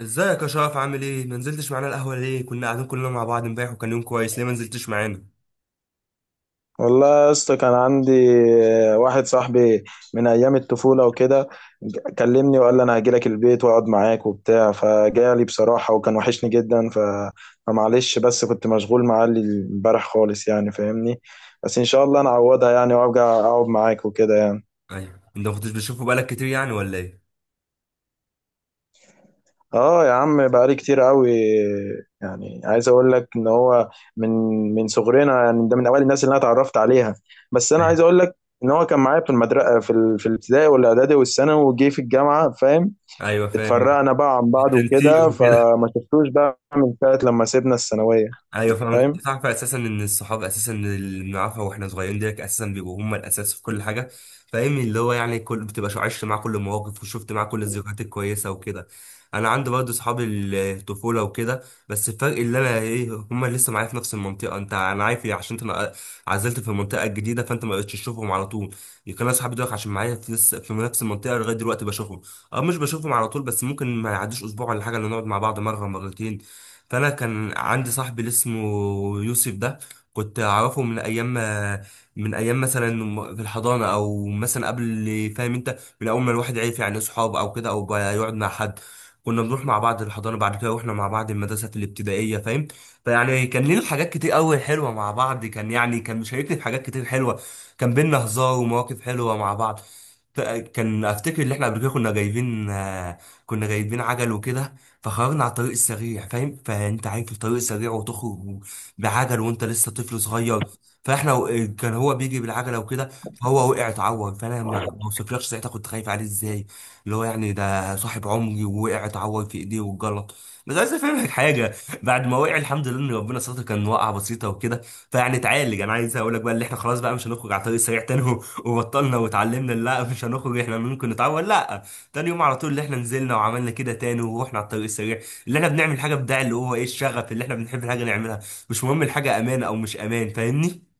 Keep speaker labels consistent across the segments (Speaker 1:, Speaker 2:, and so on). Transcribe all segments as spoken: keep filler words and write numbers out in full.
Speaker 1: ازيك يا شرف؟ عامل ايه؟ ما نزلتش معانا القهوه ليه؟ كنا قاعدين كلنا مع بعض امبارح وكان يوم كويس، ليه ما نزلتش معانا؟
Speaker 2: والله يا اسطى، كان عندي واحد صاحبي من ايام الطفوله وكده. كلمني وقال لي انا هجيلك البيت واقعد معاك وبتاع، فجالي بصراحه وكان وحشني جدا. ف فمعلش، بس كنت مشغول معاه امبارح خالص، يعني فاهمني. بس ان شاء الله انا اعوضها، يعني وارجع اقعد معاك وكده يعني.
Speaker 1: ايوه، انت ما كنتش بتشوفه بقالك كتير يعني ولا ايه؟
Speaker 2: اه يا عم، بقالي كتير قوي. يعني عايز اقول لك ان هو من من صغرنا، يعني ده من اوائل الناس اللي انا اتعرفت عليها. بس انا
Speaker 1: ايوه
Speaker 2: عايز اقول لك ان هو كان معايا في المدرسه في ال... في الابتدائي والاعدادي والثانوي، وجي في الجامعه فاهم.
Speaker 1: ايوه فاهم.
Speaker 2: اتفرقنا بقى عن بعض
Speaker 1: التنسيق
Speaker 2: وكده،
Speaker 1: وكده.
Speaker 2: فما شفتوش بقى من ساعه لما سيبنا الثانويه
Speaker 1: ايوه فاهم،
Speaker 2: فاهم.
Speaker 1: كنت تعرف اساسا ان الصحاب اساسا اللي بنعرفها واحنا صغيرين ديت اساسا بيبقوا هم الاساس في كل حاجه. فاهم، اللي هو يعني كل بتبقى شو- عشت معاه كل المواقف وشفت معاه كل الذكريات الكويسه وكده. انا عندي برضه صحاب الطفوله وكده. بس الفرق اللي انا ايه، هم لسه معايا في نفس المنطقه، انت انا عارف إيه، عشان انت عزلت في المنطقه الجديده فانت ما بقتش تشوفهم على طول. يمكن انا صحابي دول عشان معايا في لسه في نفس المنطقه لغايه دلوقتي بشوفهم. اه، مش بشوفهم على طول بس ممكن ما يعديش اسبوع ولا حاجه اللي نقعد مع بعض مره مرتين. فانا كان عندي صاحبي اللي اسمه يوسف ده، كنت اعرفه من ايام ما من ايام مثلا م- في الحضانه او مثلا قبل. فاهم انت؟ من اول ما الواحد عرف يعني اصحاب او كده او بقى يقعد مع حد، كنا بنروح مع بعض الحضانه، بعد كده رحنا مع بعض المدرسه الابتدائيه، فاهم؟ فيعني كان لنا حاجات كتير قوي حلوه مع بعض، كان يعني كان مشاركني في حاجات كتير حلوه. كان بينا هزار ومواقف حلوه مع بعض. ف- كان افتكر ان احنا قبل كده كنا جايبين آه، كنا جايبين عجل وكده. فخرجنا على الطريق السريع، فاهم؟ فانت عارف الطريق السريع وتخرج بعجل وانت لسه طفل صغير. فاحنا و- كان هو بيجي بالعجله وكده فهو وقع اتعور. فانا ما ما وصفلكش ساعتها كنت خايف عليه ازاي، اللي هو يعني ده صاحب عمري، ووقع اتعور في ايديه واتجلط. بس عايز افهمك حاجه، بعد ما وقع الحمد لله ان ربنا ستر، كان وقعه بسيطه وكده، فيعني اتعالج. انا عايز اقول لك بقى اللي احنا خلاص بقى مش هنخرج على الطريق السريع تاني و- وبطلنا واتعلمنا لا، مش هنخرج، احنا ممكن نتعور، لا. تاني يوم على طول اللي احنا نزلنا وعملنا كده تاني ورحنا على الطريق السريع. اللي احنا بنعمل حاجه بتاع اللي هو ايه، الشغف اللي احنا بنحب الحاجه نعملها. مش مهم الحاجه امان او مش امان، فاهمني؟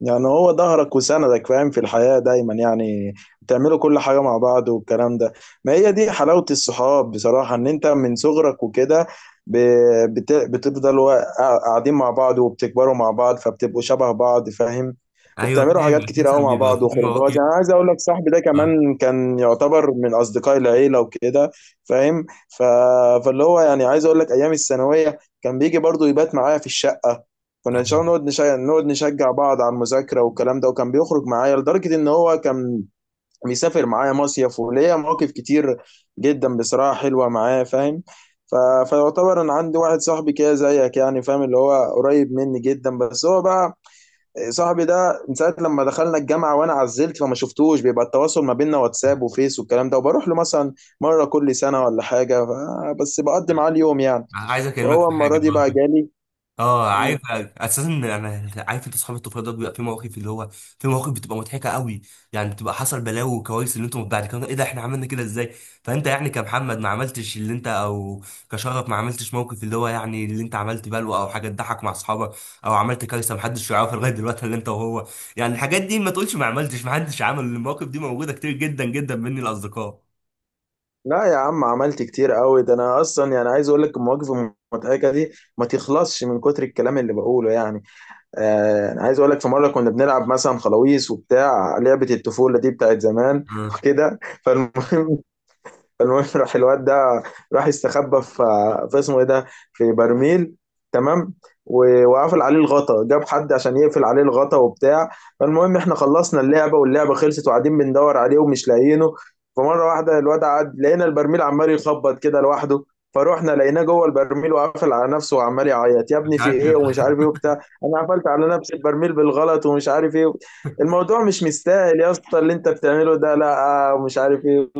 Speaker 2: يعني هو ظهرك وسندك فاهم، في الحياة دايما يعني، بتعملوا كل حاجة مع بعض والكلام ده. ما هي دي حلاوة الصحاب بصراحة، ان انت من صغرك وكده ب- بت- بتفضلوا قا- قاعدين مع بعض وبتكبروا مع بعض فبتبقوا شبه بعض فاهم.
Speaker 1: ايوه
Speaker 2: وبتعملوا
Speaker 1: فاهم،
Speaker 2: حاجات كتير قوي
Speaker 1: مثلا
Speaker 2: مع
Speaker 1: بيبقى
Speaker 2: بعض
Speaker 1: في
Speaker 2: وخروجات،
Speaker 1: مواقف.
Speaker 2: يعني عايز اقول لك صاحبي ده
Speaker 1: آه،
Speaker 2: كمان كان يعتبر من اصدقاء العيلة وكده فاهم. ف... فاللي هو يعني عايز اقول لك ايام الثانوية كان بيجي برضو يبات معايا في الشقة. كنا ان شاء الله
Speaker 1: آه.
Speaker 2: نقعد نشجع نقعد نشجع بعض على المذاكره والكلام ده، وكان بيخرج معايا لدرجه ان هو كان بيسافر معايا مصيف، وليا مواقف كتير جدا بصراحه حلوه معاه فاهم. ف... فيعتبر انا عندي واحد صاحبي كده زيك، يعني فاهم اللي هو قريب مني جدا. بس هو بقى صاحبي ده من ساعه لما دخلنا الجامعه وانا عزلت فما شفتوش، بيبقى التواصل ما بيننا واتساب وفيس والكلام ده، وبروح له مثلا مره كل سنه ولا حاجه. ف... بس بقضي معاه اليوم يعني.
Speaker 1: عايز اكلمك
Speaker 2: فهو
Speaker 1: في حاجه.
Speaker 2: المره دي بقى جالي.
Speaker 1: اه عارف اساسا، انا عارف انت اصحاب الطفوله ده بيبقى في مواقف اللي هو في مواقف بتبقى مضحكه قوي، يعني بتبقى حصل بلاوي وكوارث اللي انتم بعد كده ايه ده احنا عملنا كده ازاي. فانت يعني كمحمد ما عملتش اللي انت او كشرف ما عملتش موقف اللي هو يعني اللي انت عملت بلوه او حاجه تضحك مع اصحابك، او عملت كارثه محدش يعرفها لغايه دلوقتي اللي انت وهو، يعني الحاجات دي، ما تقولش ما عملتش، ما حدش عمل المواقف دي، موجوده كتير جدا جدا مني الاصدقاء.
Speaker 2: لا يا عم، عملت كتير قوي ده. انا اصلا يعني عايز اقول لك المواقف المضحكه دي ما تخلصش من كتر الكلام اللي بقوله يعني. آه انا عايز اقول لك في مره كنا بنلعب مثلا خلاويص وبتاع، لعبه الطفوله دي بتاعت زمان
Speaker 1: آه،
Speaker 2: وكده. فالمهم المهم راح الواد ده، راح يستخبى في في اسمه ايه ده، في برميل تمام. و- وقفل عليه الغطا، جاب حد عشان يقفل عليه الغطا وبتاع. فالمهم احنا خلصنا اللعبه واللعبه خلصت وقاعدين بندور عليه ومش لاقيينه. فمره واحده الواد قعد، لقينا البرميل عمال يخبط كده لوحده. فروحنا لقيناه جوه البرميل وقافل على نفسه وعمال يعيط، يا
Speaker 1: مش
Speaker 2: ابني في
Speaker 1: عارف.
Speaker 2: ايه ومش عارف ايه وبتاع. انا قفلت على نفسي البرميل بالغلط ومش عارف ايه، الموضوع مش مستاهل يا اسطى اللي انت بتعمله ده لا، آه، ومش عارف ايه.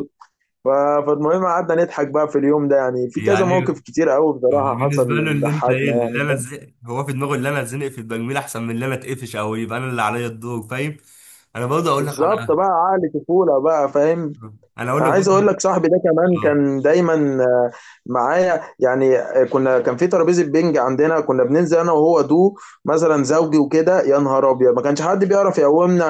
Speaker 2: ف- فالمهم قعدنا نضحك بقى في اليوم ده، يعني في كذا
Speaker 1: يعني
Speaker 2: موقف كتير قوي
Speaker 1: هو
Speaker 2: بصراحة
Speaker 1: بالنسبة له
Speaker 2: حصل
Speaker 1: اللي انت ايه
Speaker 2: ضحكنا
Speaker 1: اللي
Speaker 2: يعني.
Speaker 1: انا اتزنق، هو في دماغه اللي انا اتزنق في التجميل احسن من اللي انا اتقفش او يبقى انا اللي عليا الدور، فاهم؟ انا برضه اقول لك
Speaker 2: بالظبط
Speaker 1: على،
Speaker 2: بقى، عقل طفولة بقى فاهم.
Speaker 1: انا اقول
Speaker 2: انا
Speaker 1: لك
Speaker 2: عايز
Speaker 1: برضه.
Speaker 2: اقول لك صاحبي ده كمان
Speaker 1: اه.
Speaker 2: كان دايما آه، معايا، يعني آه، كنا كان في ترابيزة بينج عندنا، كنا بننزل انا وهو دو مثلا زوجي وكده. يا نهار ابيض ما كانش حد بيعرف يقومنا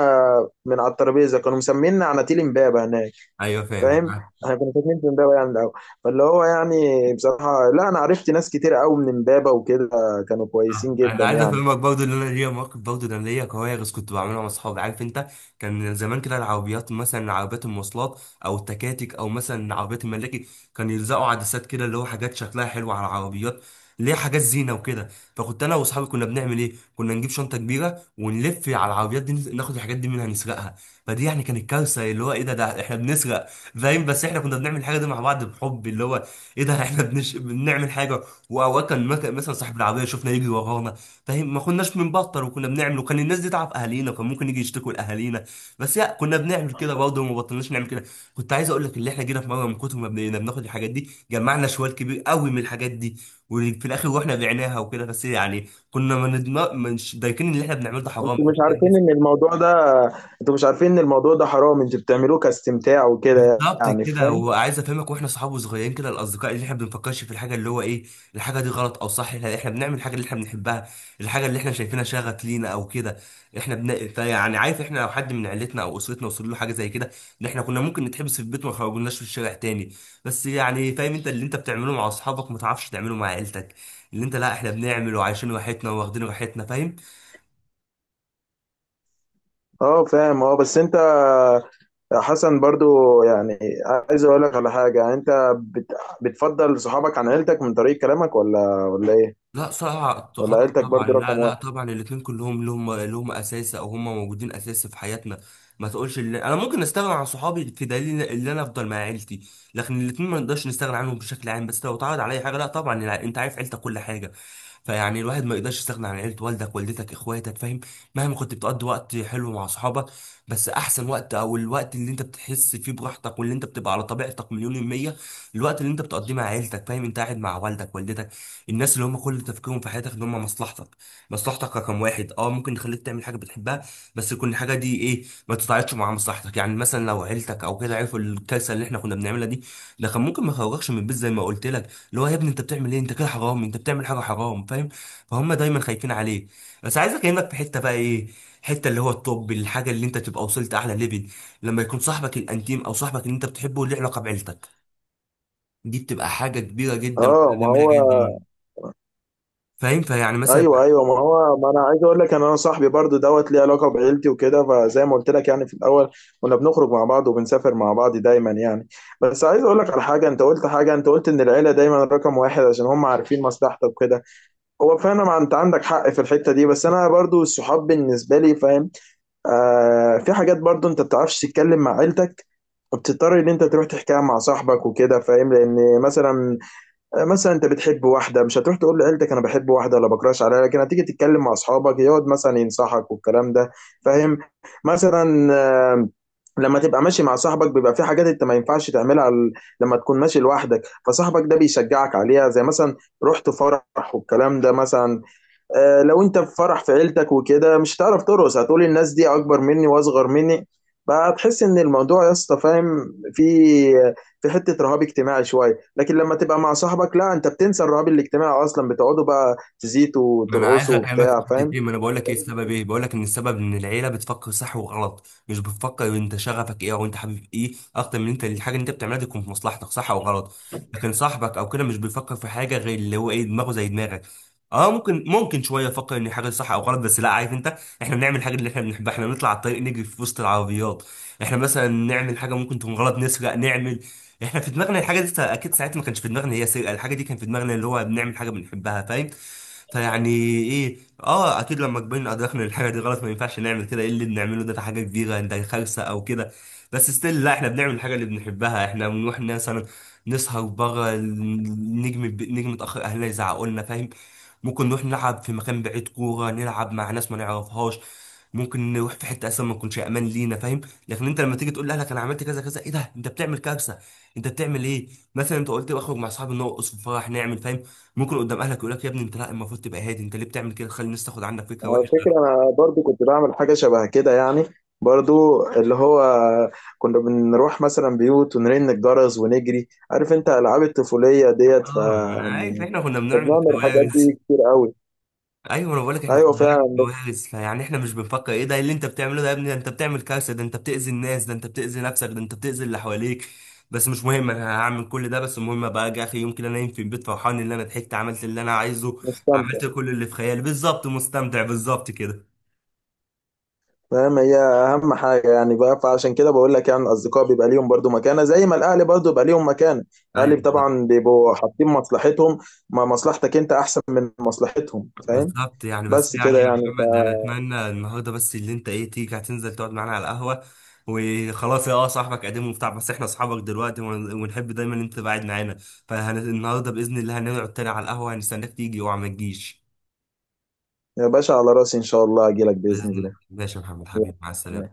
Speaker 2: من على الترابيزة، كانوا مسمينا عناتيل امبابة هناك
Speaker 1: ايوه فاهم.
Speaker 2: فاهم. احنا كنا فاكرين في امبابه يعني الاول. فاللي هو يعني بصراحه، لا انا عرفت ناس كتير قوي من امبابه وكده، كانوا
Speaker 1: آه،
Speaker 2: كويسين
Speaker 1: انا
Speaker 2: جدا
Speaker 1: عايز
Speaker 2: يعني.
Speaker 1: افهمك برضه ان انا ليا مواقف، برضه انا ليا كوارث كنت بعملها مع اصحابي، عارف انت. كان زمان كده العربيات، مثلا عربيات المواصلات او التكاتك او مثلا عربيات الملاكي، كان يلزقوا عدسات كده اللي هو حاجات شكلها حلو على العربيات، اللي هي حاجات زينه وكده. فكنت انا واصحابي كنا بنعمل ايه، كنا نجيب شنطه كبيره ونلف على العربيات دي، ناخد الحاجات دي منها نسرقها. فدي يعني كانت كارثه اللي هو ايه ده ده احنا بنسرق، فاهم؟ بس احنا كنا بنعمل الحاجه دي مع بعض بحب اللي هو ايه ده، احنا بنش... بنعمل حاجه. واوقات كان مك- مثلا صاحب العربيه شفنا يجري ورانا، فاهم؟ ما كناش بنبطل وكنا بنعمل، وكان الناس دي تعرف اهالينا كان ممكن يجي يشتكوا لاهالينا، بس لا، كنا بنعمل كده برضه وما بطلناش نعمل كده. كنت عايز اقول لك اللي احنا جينا في مره من كتر ما بقينا بناخد الحاجات دي جمعنا شوال كبير قوي من الحاجات دي، وفي الاخر رحنا بعناها وكده، بس يعني كنا ما ندم- مش دايكين اللي احنا بنعمله ده حرام.
Speaker 2: انتوا مش عارفين ان الموضوع ده انتوا مش عارفين ان الموضوع ده حرام، انتوا بتعملوه كاستمتاع وكده
Speaker 1: بالظبط
Speaker 2: يعني
Speaker 1: كده،
Speaker 2: فاهم.
Speaker 1: وعايز افهمك واحنا صحاب وصغيرين كده الاصدقاء اللي احنا بنفكرش في الحاجه اللي هو ايه، الحاجه دي غلط او صح، احنا احنا بنعمل الحاجه اللي احنا بنحبها، الحاجه اللي احنا شايفينها شغف لينا او كده. احنا بن... فيعني عارف، احنا لو حد من عيلتنا او اسرتنا وصل له حاجه زي كده، ان احنا كنا ممكن نتحبس في البيت وما خرجناش في الشارع تاني. بس يعني فاهم انت، اللي انت بتعمله مع اصحابك ما تعرفش تعمله مع عيلتك، اللي انت لا احنا بنعمل وعايشين راحتنا واخدين راحتنا، فاهم؟
Speaker 2: اه فاهم، اه بس انت يا حسن برضو يعني، عايز اقول لك على حاجه. يعني انت بت... بتفضل صحابك عن عيلتك من طريق كلامك، ولا ولا ايه؟
Speaker 1: لا صعب.
Speaker 2: ولا
Speaker 1: غلط
Speaker 2: عيلتك برضو
Speaker 1: طبعا، لا
Speaker 2: رقم
Speaker 1: لا،
Speaker 2: واحد؟
Speaker 1: طبعا الاثنين كلهم لهم لهم اساس او هم موجودين اساس في حياتنا، ما تقولش اللي انا ممكن استغنى عن صحابي في دليل ان انا افضل مع عيلتي، لكن الاثنين ما نقدرش نستغنى عنهم بشكل عام، بس لو اتعرض عليا حاجه لا طبعا الع- انت عارف عيلتك كل حاجه، فيعني الواحد ما يقدرش يستغنى عن عيلة، والدك والدتك اخواتك فاهم. مهما كنت بتقضي وقت حلو مع صحابك، بس احسن وقت او الوقت اللي انت بتحس فيه براحتك واللي انت بتبقى على طبيعتك مليون المية، الوقت اللي انت بتقضيه مع عيلتك، فاهم؟ انت قاعد مع والدك والدتك، الناس اللي هم كل تفكيرهم في حياتك ان هم مصلحتك. مصلحتك رقم واحد، اه ممكن يخليك تعمل حاجه بتحبها بس يكون الحاجه دي ايه ما تتعارضش مع مصلحتك، يعني مثلا لو عيلتك او كده عرفوا الكارثه اللي احنا كنا بنعملها دي، ده كان ممكن ما يخرجكش من البيت، زي ما قلت لك اللي هو يا ابني انت بتعمل ايه، انت كده حرام، انت بتعمل حاجه حرام، فاهم؟ فهم دايما خايفين عليه. بس عايزك انك في حته بقى ايه، حته اللي هو الطب، الحاجه اللي انت تبقى وصلت اعلى ليفل، لما يكون صاحبك الانتيم او صاحبك اللي انت بتحبه له علاقه بعيلتك، دي بتبقى حاجه كبيره جدا وحاجه
Speaker 2: اه ما
Speaker 1: جميله
Speaker 2: هو،
Speaker 1: جدا، فاهم؟ فيعني مثلا
Speaker 2: ايوه
Speaker 1: مم.
Speaker 2: ايوه ما هو. ما انا عايز اقول لك ان انا صاحبي برضو دوت ليه علاقه بعيلتي وكده، فزي ما قلت لك يعني في الاول كنا بنخرج مع بعض وبنسافر مع بعض دايما يعني. بس عايز اقول لك على حاجه، انت قلت حاجه، انت قلت ان العيله دايما رقم واحد عشان هم عارفين مصلحتك وكده. هو فعلا، ما انت عندك حق في الحته دي، بس انا برضو الصحاب بالنسبه لي فاهم. آه في حاجات برضو انت بتعرفش تتكلم مع عيلتك، وبتضطر ان انت تروح تحكيها مع صاحبك وكده فاهم. لان مثلا مثلا انت بتحب واحده، مش هتروح تقول لعيلتك انا بحب واحده ولا بكراش عليها، لكن هتيجي تتكلم مع اصحابك يقعد مثلا ينصحك والكلام ده فاهم. مثلا آه، لما تبقى ماشي مع صاحبك بيبقى في حاجات انت ما ينفعش تعملها ال- لما تكون ماشي لوحدك. فصاحبك ده بيشجعك عليها، زي مثلا رحت فرح والكلام ده. مثلا آه، لو انت في فرح في عيلتك وكده، مش هتعرف ترقص، هتقول الناس دي اكبر مني واصغر مني، فهتحس ان الموضوع يا اسطى فاهم، في في حته رهاب اجتماعي شويه. لكن لما تبقى مع صاحبك لا، انت بتنسى الرهاب الاجتماعي اصلا، بتقعدوا بقى تزيتوا
Speaker 1: ما انا عايز
Speaker 2: وترقصوا
Speaker 1: اكلمك في
Speaker 2: وبتاع فاهم.
Speaker 1: حتتين، ما انا بقول لك ايه السبب، ايه بقول لك ان السبب ان العيله بتفكر صح وغلط، مش بتفكر انت شغفك ايه او انت حابب ايه، اكتر من انت الحاجه اللي انت بتعملها دي تكون في مصلحتك صح او غلط. لكن صاحبك او كده مش بيفكر في حاجه غير اللي هو ايه، دماغه زي دماغك. اه، ممكن ممكن شويه يفكر ان حاجه صح او غلط، بس لا عارف انت احنا بنعمل الحاجه اللي احنا بنحبها، احنا بنطلع على الطريق نجري في وسط العربيات، احنا مثلا نعمل حاجه ممكن تكون غلط، نسرق نعمل، احنا في دماغنا الحاجه دي اكيد ساعتها ما كانش في دماغنا هي سرقه، الحاجه دي كان في دماغنا اللي هو بنعمل حاجه بنحبها، فاهم؟ فيعني ايه، اه اكيد لما كبرنا ادركنا ان الحاجه دي غلط ما ينفعش نعمل كده، ايه اللي بنعمله ده، ده حاجه كبيره، ده خالصه او كده. بس ستيل لا، احنا بنعمل الحاجه اللي بنحبها، احنا بنروح مثلا نسهر بره، نجم نجم اتاخر، اهلنا يزعقوا لنا، فاهم؟ ممكن نروح نلعب في مكان بعيد كوره نلعب مع ناس ما نعرفهاش، ممكن نروح في حته اصلا ما تكونش امان لينا، فاهم؟ لكن انت لما تيجي تقول لاهلك انا عملت كذا كذا، ايه ده انت بتعمل كارثه، انت بتعمل ايه؟ مثلا انت قلت بخرج مع اصحابي نرقص في فرح نعمل، فاهم؟ ممكن قدام اهلك يقول لك يا ابني انت لا، المفروض تبقى هادي، انت ليه بتعمل كده تخلي الناس تاخد عنك فكره
Speaker 2: على
Speaker 1: وحشه.
Speaker 2: فكره انا برضو كنت بعمل حاجه شبه كده يعني، برضو اللي هو كنا بنروح مثلا بيوت ونرن الجرس ونجري، عارف انت العاب الطفوليه ديت.
Speaker 1: اه ما انا عارف
Speaker 2: فيعني
Speaker 1: احنا كنا بنعمل
Speaker 2: بنعمل الحاجات
Speaker 1: كوارث.
Speaker 2: دي كتير قوي.
Speaker 1: ايوه انا بقول لك احنا كنا
Speaker 2: ايوه
Speaker 1: بنعمل
Speaker 2: فعلا،
Speaker 1: كوارث، فيعني احنا مش بنفكر ايه ده، إيه اللي انت بتعمله ده يا ابني، ده انت بتعمل كارثه، ده انت بتاذي الناس، ده انت بتاذي نفسك، ده انت بتاذي اللي حواليك، بس مش مهم، انا هعمل كل ده، بس المهم ابقى اجي اخر يوم كده نايم في البيت فرحان ان انا ضحكت، عملت اللي انا عايزه،
Speaker 2: مستمتع
Speaker 1: عملت كل اللي في خيالي، بالظبط مستمتع، بالظبط كده.
Speaker 2: فاهم، هي اهم حاجه يعني بقى. فعشان كده بقول لك يعني الاصدقاء بيبقى ليهم برضو مكانه، زي ما الاهلي برضو بيبقى ليهم مكانه.
Speaker 1: ايوه
Speaker 2: الاهلي طبعا بيبقوا حاطين مصلحتهم، ما مصلحتك انت احسن من مصلحتهم فاهم.
Speaker 1: بالظبط، يعني بس
Speaker 2: بس كده
Speaker 1: يعني يا
Speaker 2: يعني.
Speaker 1: محمد انا اتمنى النهارده بس اللي انت ايه تيجي هتنزل تقعد معانا على القهوه، وخلاص يا اه صاحبك قديم وبتاع، بس احنا اصحابك دلوقتي ون- ونحب دايما ان انت تبقى قاعد معانا، فالنهارده باذن الله هنقعد تاني على القهوه، هنستناك تيجي، اوعى ما تجيش.
Speaker 2: يا باشا على راسي، ان شاء الله اجي لك باذن
Speaker 1: باذن الله،
Speaker 2: الله.
Speaker 1: ماشي يا محمد
Speaker 2: يلا،
Speaker 1: حبيبي، مع
Speaker 2: سلام.
Speaker 1: السلامه.